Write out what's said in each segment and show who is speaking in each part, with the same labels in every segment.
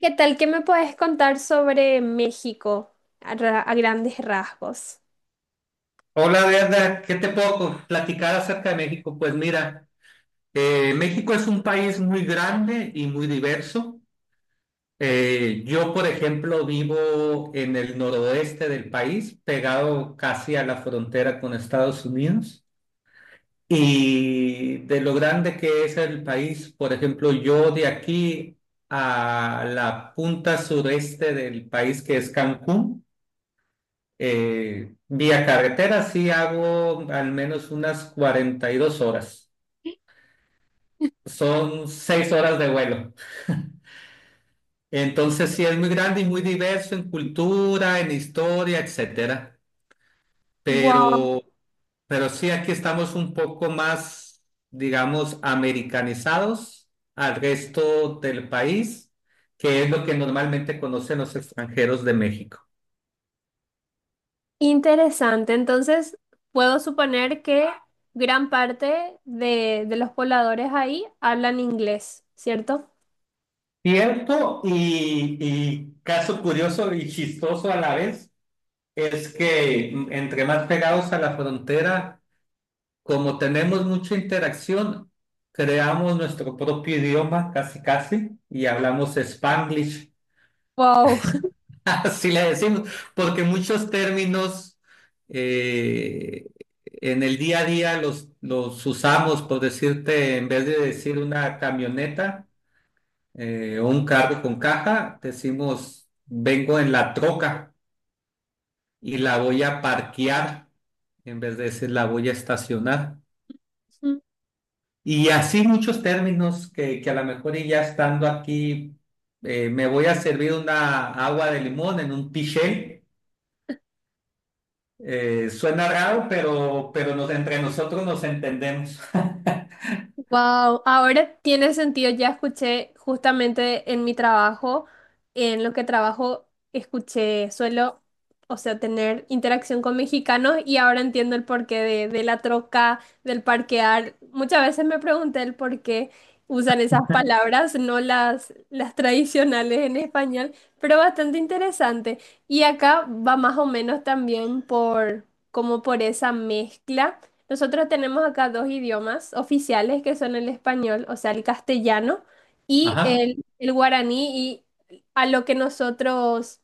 Speaker 1: ¿Qué tal? ¿Qué me puedes contar sobre México a grandes rasgos?
Speaker 2: Hola, Verda, ¿qué te puedo platicar acerca de México? Pues mira, México es un país muy grande y muy diverso. Yo, por ejemplo, vivo en el noroeste del país, pegado casi a la frontera con Estados Unidos. Y de lo grande que es el país, por ejemplo, yo de aquí a la punta sureste del país, que es Cancún. Vía carretera sí hago al menos unas 42 horas. Son 6 horas de vuelo. Entonces sí es muy grande y muy diverso en cultura, en historia, etcétera.
Speaker 1: Wow.
Speaker 2: Pero, pero sí aquí estamos un poco más, digamos, americanizados al resto del país, que es lo que normalmente conocen los extranjeros de México.
Speaker 1: Interesante. Entonces, puedo suponer que gran parte de los pobladores ahí hablan inglés, ¿cierto?
Speaker 2: Cierto y caso curioso y chistoso a la vez. Es que entre más pegados a la frontera, como tenemos mucha interacción, creamos nuestro propio idioma casi casi y hablamos Spanglish,
Speaker 1: Wow.
Speaker 2: así le decimos, porque muchos términos eh, en el día a día los usamos, por decirte, en vez de decir una camioneta o un carro con caja, decimos, vengo en la troca y la voy a parquear, en vez de decir la voy a estacionar. Y así muchos términos que a lo mejor y ya estando aquí, me voy a servir una agua de limón en un piché. Suena raro, pero entre nosotros nos entendemos.
Speaker 1: Wow, ahora tiene sentido. Ya escuché justamente en mi trabajo, en lo que trabajo, escuché, suelo, o sea, tener interacción con mexicanos y ahora entiendo el porqué de la troca, del parquear. Muchas veces me pregunté el por qué usan esas palabras, no las tradicionales en español, pero bastante interesante. Y acá va más o menos también por, como por esa mezcla. Nosotros tenemos acá dos idiomas oficiales que son el español, o sea, el castellano y
Speaker 2: Ajá,
Speaker 1: el guaraní. Y a lo que nosotros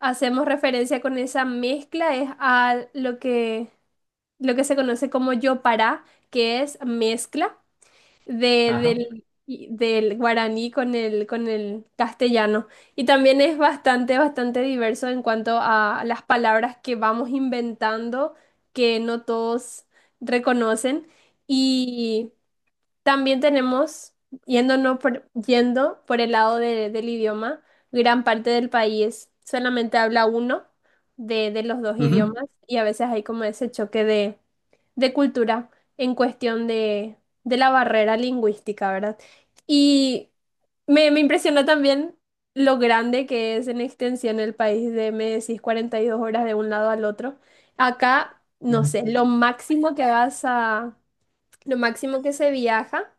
Speaker 1: hacemos referencia con esa mezcla es a lo que se conoce como yopará, que es mezcla de-
Speaker 2: ajá.
Speaker 1: del, del guaraní con el castellano. Y también es bastante diverso en cuanto a las palabras que vamos inventando, que no todos reconocen. Y también tenemos, yendo por el lado de- del idioma, gran parte del país solamente habla uno de los dos
Speaker 2: Ujú.
Speaker 1: idiomas y a veces hay como ese choque de cultura en cuestión de la barrera lingüística, ¿verdad? Y me impresionó también lo grande que es en extensión el país de, me decís, 42 horas de un lado al otro. Acá, no sé, lo máximo que se viaja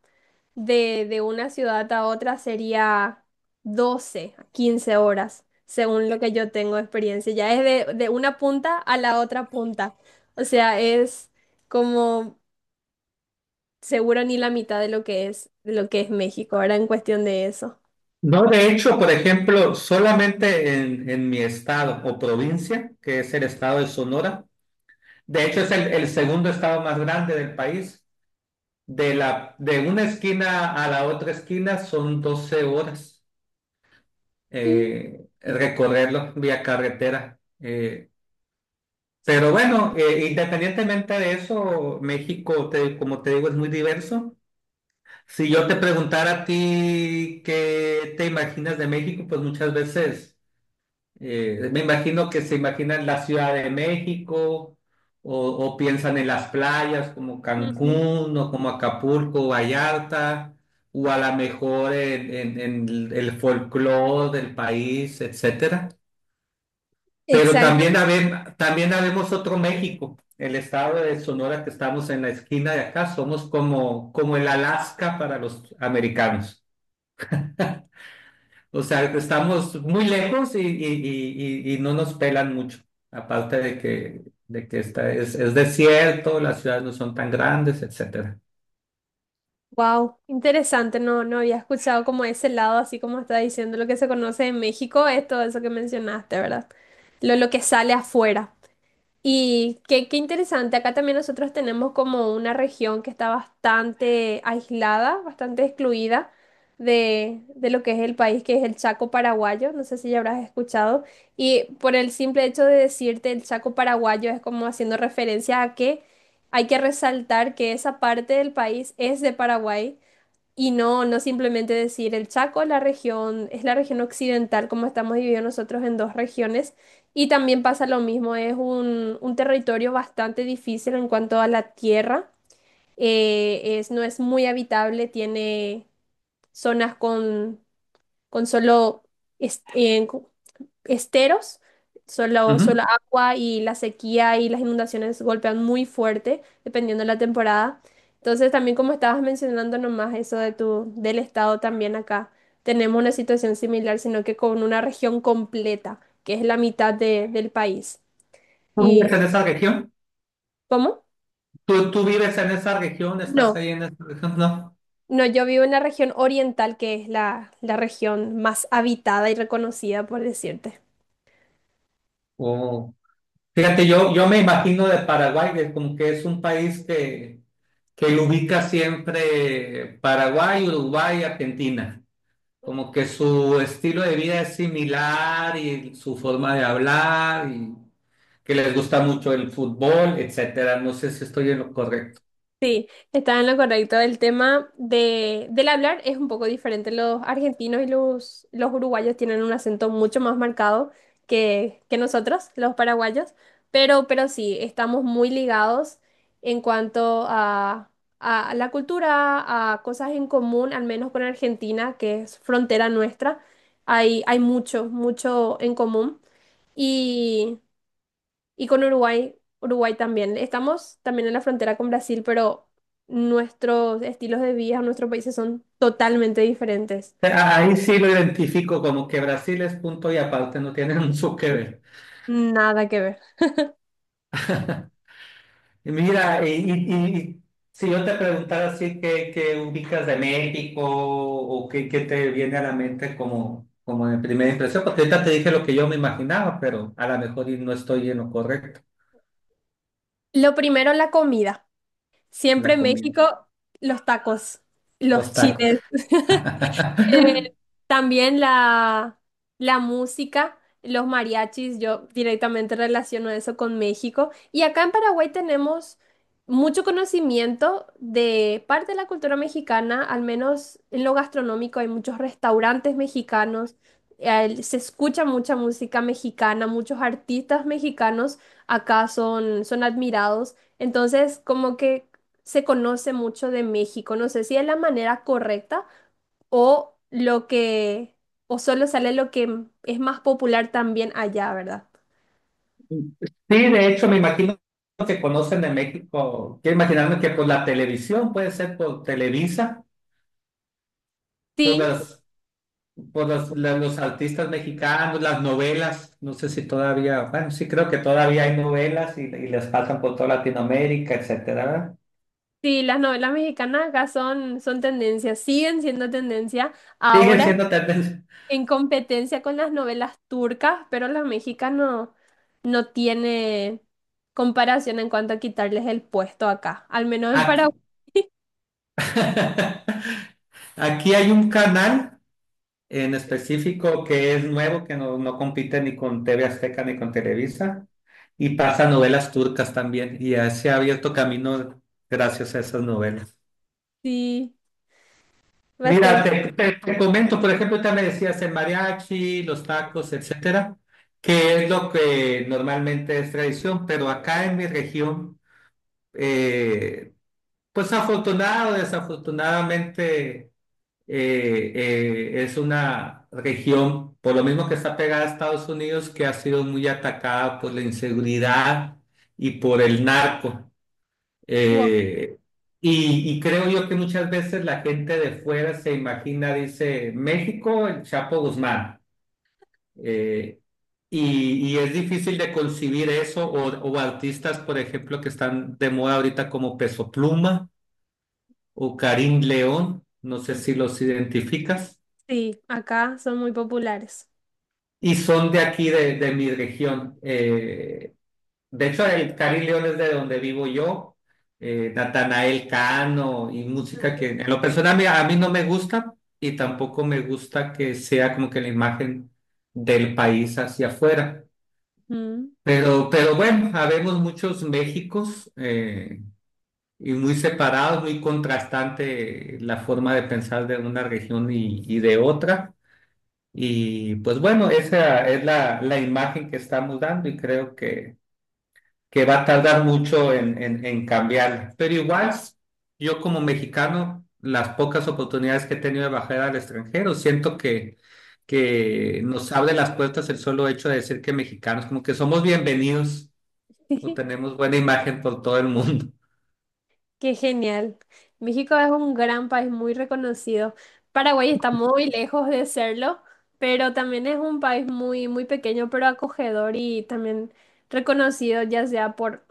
Speaker 1: de una ciudad a otra sería 12 a 15 horas, según lo que yo tengo de experiencia. Ya es de una punta a la otra punta. O sea, es como seguro ni la mitad de lo que es, de lo que es México, ahora en cuestión de eso.
Speaker 2: No, de hecho, por ejemplo, solamente en mi estado o provincia, que es el estado de Sonora, de hecho es el segundo estado más grande del país. De una esquina a la otra esquina son 12 horas
Speaker 1: Sí.
Speaker 2: recorrerlo vía carretera. Pero bueno, independientemente de eso, México, como te digo, es muy diverso. Si yo te preguntara a ti qué te imaginas de México, pues muchas veces me imagino que se imaginan la Ciudad de México o piensan en las playas como
Speaker 1: Ujú.
Speaker 2: Cancún o como Acapulco, Vallarta, o a lo mejor en el folclore del país, etcétera. Pero también
Speaker 1: Exactamente.
Speaker 2: también habemos otro México, el estado de Sonora que estamos en la esquina de acá, somos como el Alaska para los americanos. O sea, estamos muy lejos y no nos pelan mucho. Aparte de que esta es desierto, las ciudades no son tan grandes, etcétera.
Speaker 1: Wow, interesante. No, no había escuchado como ese lado, así como está diciendo lo que se conoce en México, es todo eso que mencionaste, ¿verdad? Lo que sale afuera. Y qué, qué interesante, acá también nosotros tenemos como una región que está bastante aislada, bastante excluida de lo que es el país, que es el Chaco paraguayo, no sé si ya habrás escuchado, y por el simple hecho de decirte el Chaco paraguayo es como haciendo referencia a que hay que resaltar que esa parte del país es de Paraguay y no, no simplemente decir el Chaco, la región, es la región occidental, como estamos divididos nosotros en dos regiones. Y también pasa lo mismo, es un territorio bastante difícil en cuanto a la tierra. Es, no es muy habitable, tiene zonas con solo, es- en- esteros, solo,
Speaker 2: Ujú.
Speaker 1: solo agua y la sequía y las inundaciones golpean muy fuerte, dependiendo de la temporada. Entonces, también como estabas mencionando nomás eso de tu, del estado también acá, tenemos una situación similar, sino que con una región completa, que es la mitad de- del país.
Speaker 2: ¿Tú vives
Speaker 1: ¿Y
Speaker 2: en esa región?
Speaker 1: cómo?
Speaker 2: ¿Tú vives en esa región? ¿Estás
Speaker 1: No,
Speaker 2: ahí en esa región? No.
Speaker 1: no, yo vivo en la región oriental, que es la, la región más habitada y reconocida, por decirte.
Speaker 2: O- Fíjate, yo me imagino de Paraguay, que como que es un país que lo ubica siempre Paraguay, Uruguay, Argentina. Como que su estilo de vida es similar y su forma de hablar y que les gusta mucho el fútbol, etcétera. No sé si estoy en lo correcto.
Speaker 1: Está en lo correcto. El tema de, del hablar es un poco diferente. Los argentinos y los uruguayos tienen un acento mucho más marcado que nosotros, los paraguayos, pero sí, estamos muy ligados en cuanto a la cultura, a cosas en común, al menos con Argentina, que es frontera nuestra. Hay mucho, mucho en común. Y con Uruguay, Uruguay también. Estamos también en la frontera con Brasil, pero nuestros estilos de vida, nuestros países son totalmente diferentes.
Speaker 2: Ahí sí lo identifico como que Brasil es punto y aparte, no tiene mucho que
Speaker 1: Sí.
Speaker 2: ver.
Speaker 1: Nada que ver.
Speaker 2: Y mira, y si yo te preguntara así qué, qué, ubicas de México o qué te viene a la mente como de primera impresión, porque ahorita te dije lo que yo me imaginaba, pero a lo mejor y no estoy en lo correcto,
Speaker 1: Lo primero, la comida. Siempre
Speaker 2: la
Speaker 1: en
Speaker 2: comida,
Speaker 1: México, los tacos, los
Speaker 2: los tacos.
Speaker 1: chiles. Eh, También la música, los mariachis, yo directamente relaciono eso con México. Y acá en Paraguay tenemos mucho conocimiento de parte de la cultura mexicana, al menos en lo gastronómico hay muchos restaurantes mexicanos, se escucha mucha música mexicana, muchos artistas mexicanos acá son, son admirados. Entonces, como que se conoce mucho de México. No sé si es la manera correcta o lo que, o solo sale lo que es más popular también allá, ¿verdad?
Speaker 2: Sí, de hecho, me imagino que conocen de México. Quiero imaginarme que por la televisión, puede ser por Televisa, por
Speaker 1: Sí,
Speaker 2: las, los artistas mexicanos, las novelas. No sé si todavía, bueno, sí creo que todavía hay novelas y las pasan por toda Latinoamérica, etcétera, ¿verdad?
Speaker 1: sí, las novelas mexicanas acá son, son tendencia, siguen siendo tendencia,
Speaker 2: Siguen
Speaker 1: ahora
Speaker 2: siendo tendencia.
Speaker 1: en competencia con las novelas turcas, pero las mexicanas no no tiene comparación en cuanto a quitarles el puesto acá, al menos en
Speaker 2: Aquí,
Speaker 1: Paraguay,
Speaker 2: aquí hay un canal en específico que es nuevo, que no compite ni con TV Azteca ni con Televisa, y pasa novelas turcas también, y ya se ha abierto camino gracias a esas novelas.
Speaker 1: sí,
Speaker 2: Mira,
Speaker 1: bastante.
Speaker 2: te comento, por ejemplo, ya me decías el mariachi, los tacos, etcétera, que es lo que normalmente es tradición, pero acá en mi región, eh, pues afortunado o desafortunadamente es una región, por lo mismo que está pegada a Estados Unidos, que ha sido muy atacada por la inseguridad y por el narco.
Speaker 1: Wow.
Speaker 2: Eh, y creo yo que muchas veces la gente de fuera se imagina, dice, México, el Chapo Guzmán. Eh, y es difícil de concebir eso, o artistas, por ejemplo, que están de moda ahorita como Peso Pluma o Karim León, no sé
Speaker 1: Mm,
Speaker 2: si los identificas.
Speaker 1: sí, acá son muy populares.
Speaker 2: Y son de aquí, de mi región. De hecho, el Cari León es de donde vivo yo. Natanael Cano y música que en lo personal mira, a mí no me gusta y tampoco me gusta que sea como que la imagen del país hacia afuera.
Speaker 1: Ujú.
Speaker 2: Pero bueno, habemos muchos Méxicos y muy separados, muy contrastante la forma de pensar de una región y de otra. Y pues bueno, esa es la imagen que estamos dando y creo que va a tardar mucho en cambiarla. Pero igual, yo como mexicano, las pocas oportunidades que he tenido de bajar al extranjero, siento que nos abre las puertas el solo hecho de decir que mexicanos, como que somos bienvenidos o tenemos buena imagen por todo el mundo.
Speaker 1: Qué genial. México es un gran país muy reconocido. Paraguay está muy lejos de serlo, pero también es un país muy, muy pequeño, pero acogedor y también reconocido, ya sea por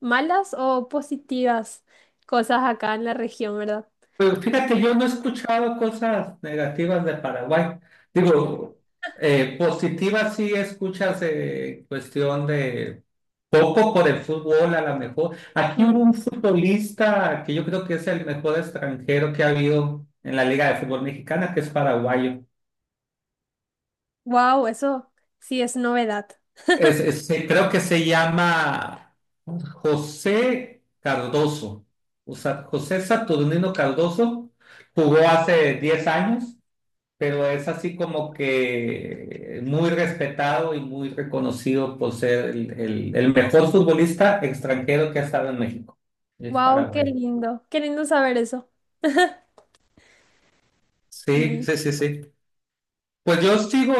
Speaker 1: malas o positivas cosas acá en la región, ¿verdad?
Speaker 2: Pero fíjate, yo no he escuchado cosas negativas de Paraguay. Digo, positivas sí escuchas cuestión de poco por el fútbol, a lo mejor. Aquí hubo un futbolista que yo creo que es el mejor extranjero que ha habido en la Liga de Fútbol Mexicana, que es paraguayo.
Speaker 1: Wow, eso sí es novedad.
Speaker 2: Es, creo que se llama José Cardoso. O sea, José Saturnino Cardoso jugó hace 10 años, pero es así como que muy respetado y muy reconocido por ser el, el mejor futbolista extranjero que ha estado en México. Es
Speaker 1: Wow, qué
Speaker 2: paraguayo.
Speaker 1: lindo. Qué lindo saber eso.
Speaker 2: Sí,
Speaker 1: Sí.
Speaker 2: sí, sí, sí. Pues yo sigo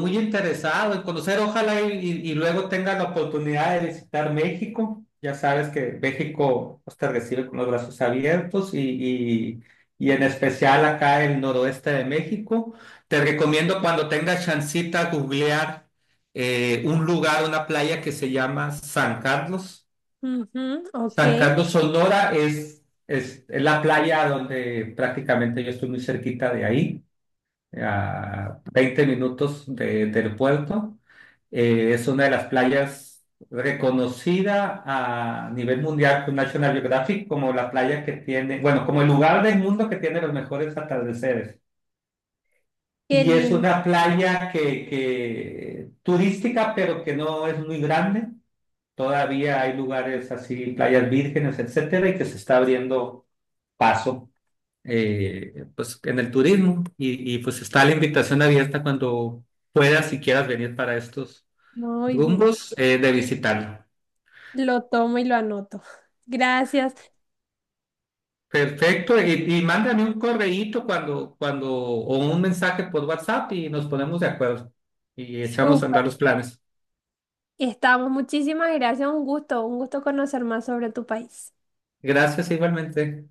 Speaker 2: muy interesado en conocer, ojalá y luego tenga la oportunidad de visitar México. Ya sabes que México pues, te recibe con los brazos abiertos y- y en especial acá el noroeste de México. Te recomiendo cuando tengas chancita googlear un lugar, una playa que se llama San Carlos.
Speaker 1: Ujú, ok,
Speaker 2: San
Speaker 1: qué
Speaker 2: Carlos, Sonora es la playa donde prácticamente yo estoy muy cerquita de ahí a 20 minutos del puerto. Es una de las playas reconocida a nivel mundial por National Geographic como la playa que tiene, bueno, como el lugar del mundo que tiene los mejores atardeceres. Y es
Speaker 1: lindo.
Speaker 2: una playa que turística, pero que no es muy grande. Todavía hay lugares así, playas vírgenes, etcétera, y que se está abriendo paso pues en el turismo pues está la invitación abierta cuando puedas y quieras venir para estos
Speaker 1: Muy bien.
Speaker 2: rumbos de visitarlo.
Speaker 1: Lo tomo y lo anoto. Gracias.
Speaker 2: Perfecto, y mándame un correíto o un mensaje por WhatsApp y nos ponemos de acuerdo y echamos a
Speaker 1: Súper.
Speaker 2: andar los planes.
Speaker 1: Estamos, muchísimas gracias, un gusto conocer más sobre tu país.
Speaker 2: Gracias igualmente.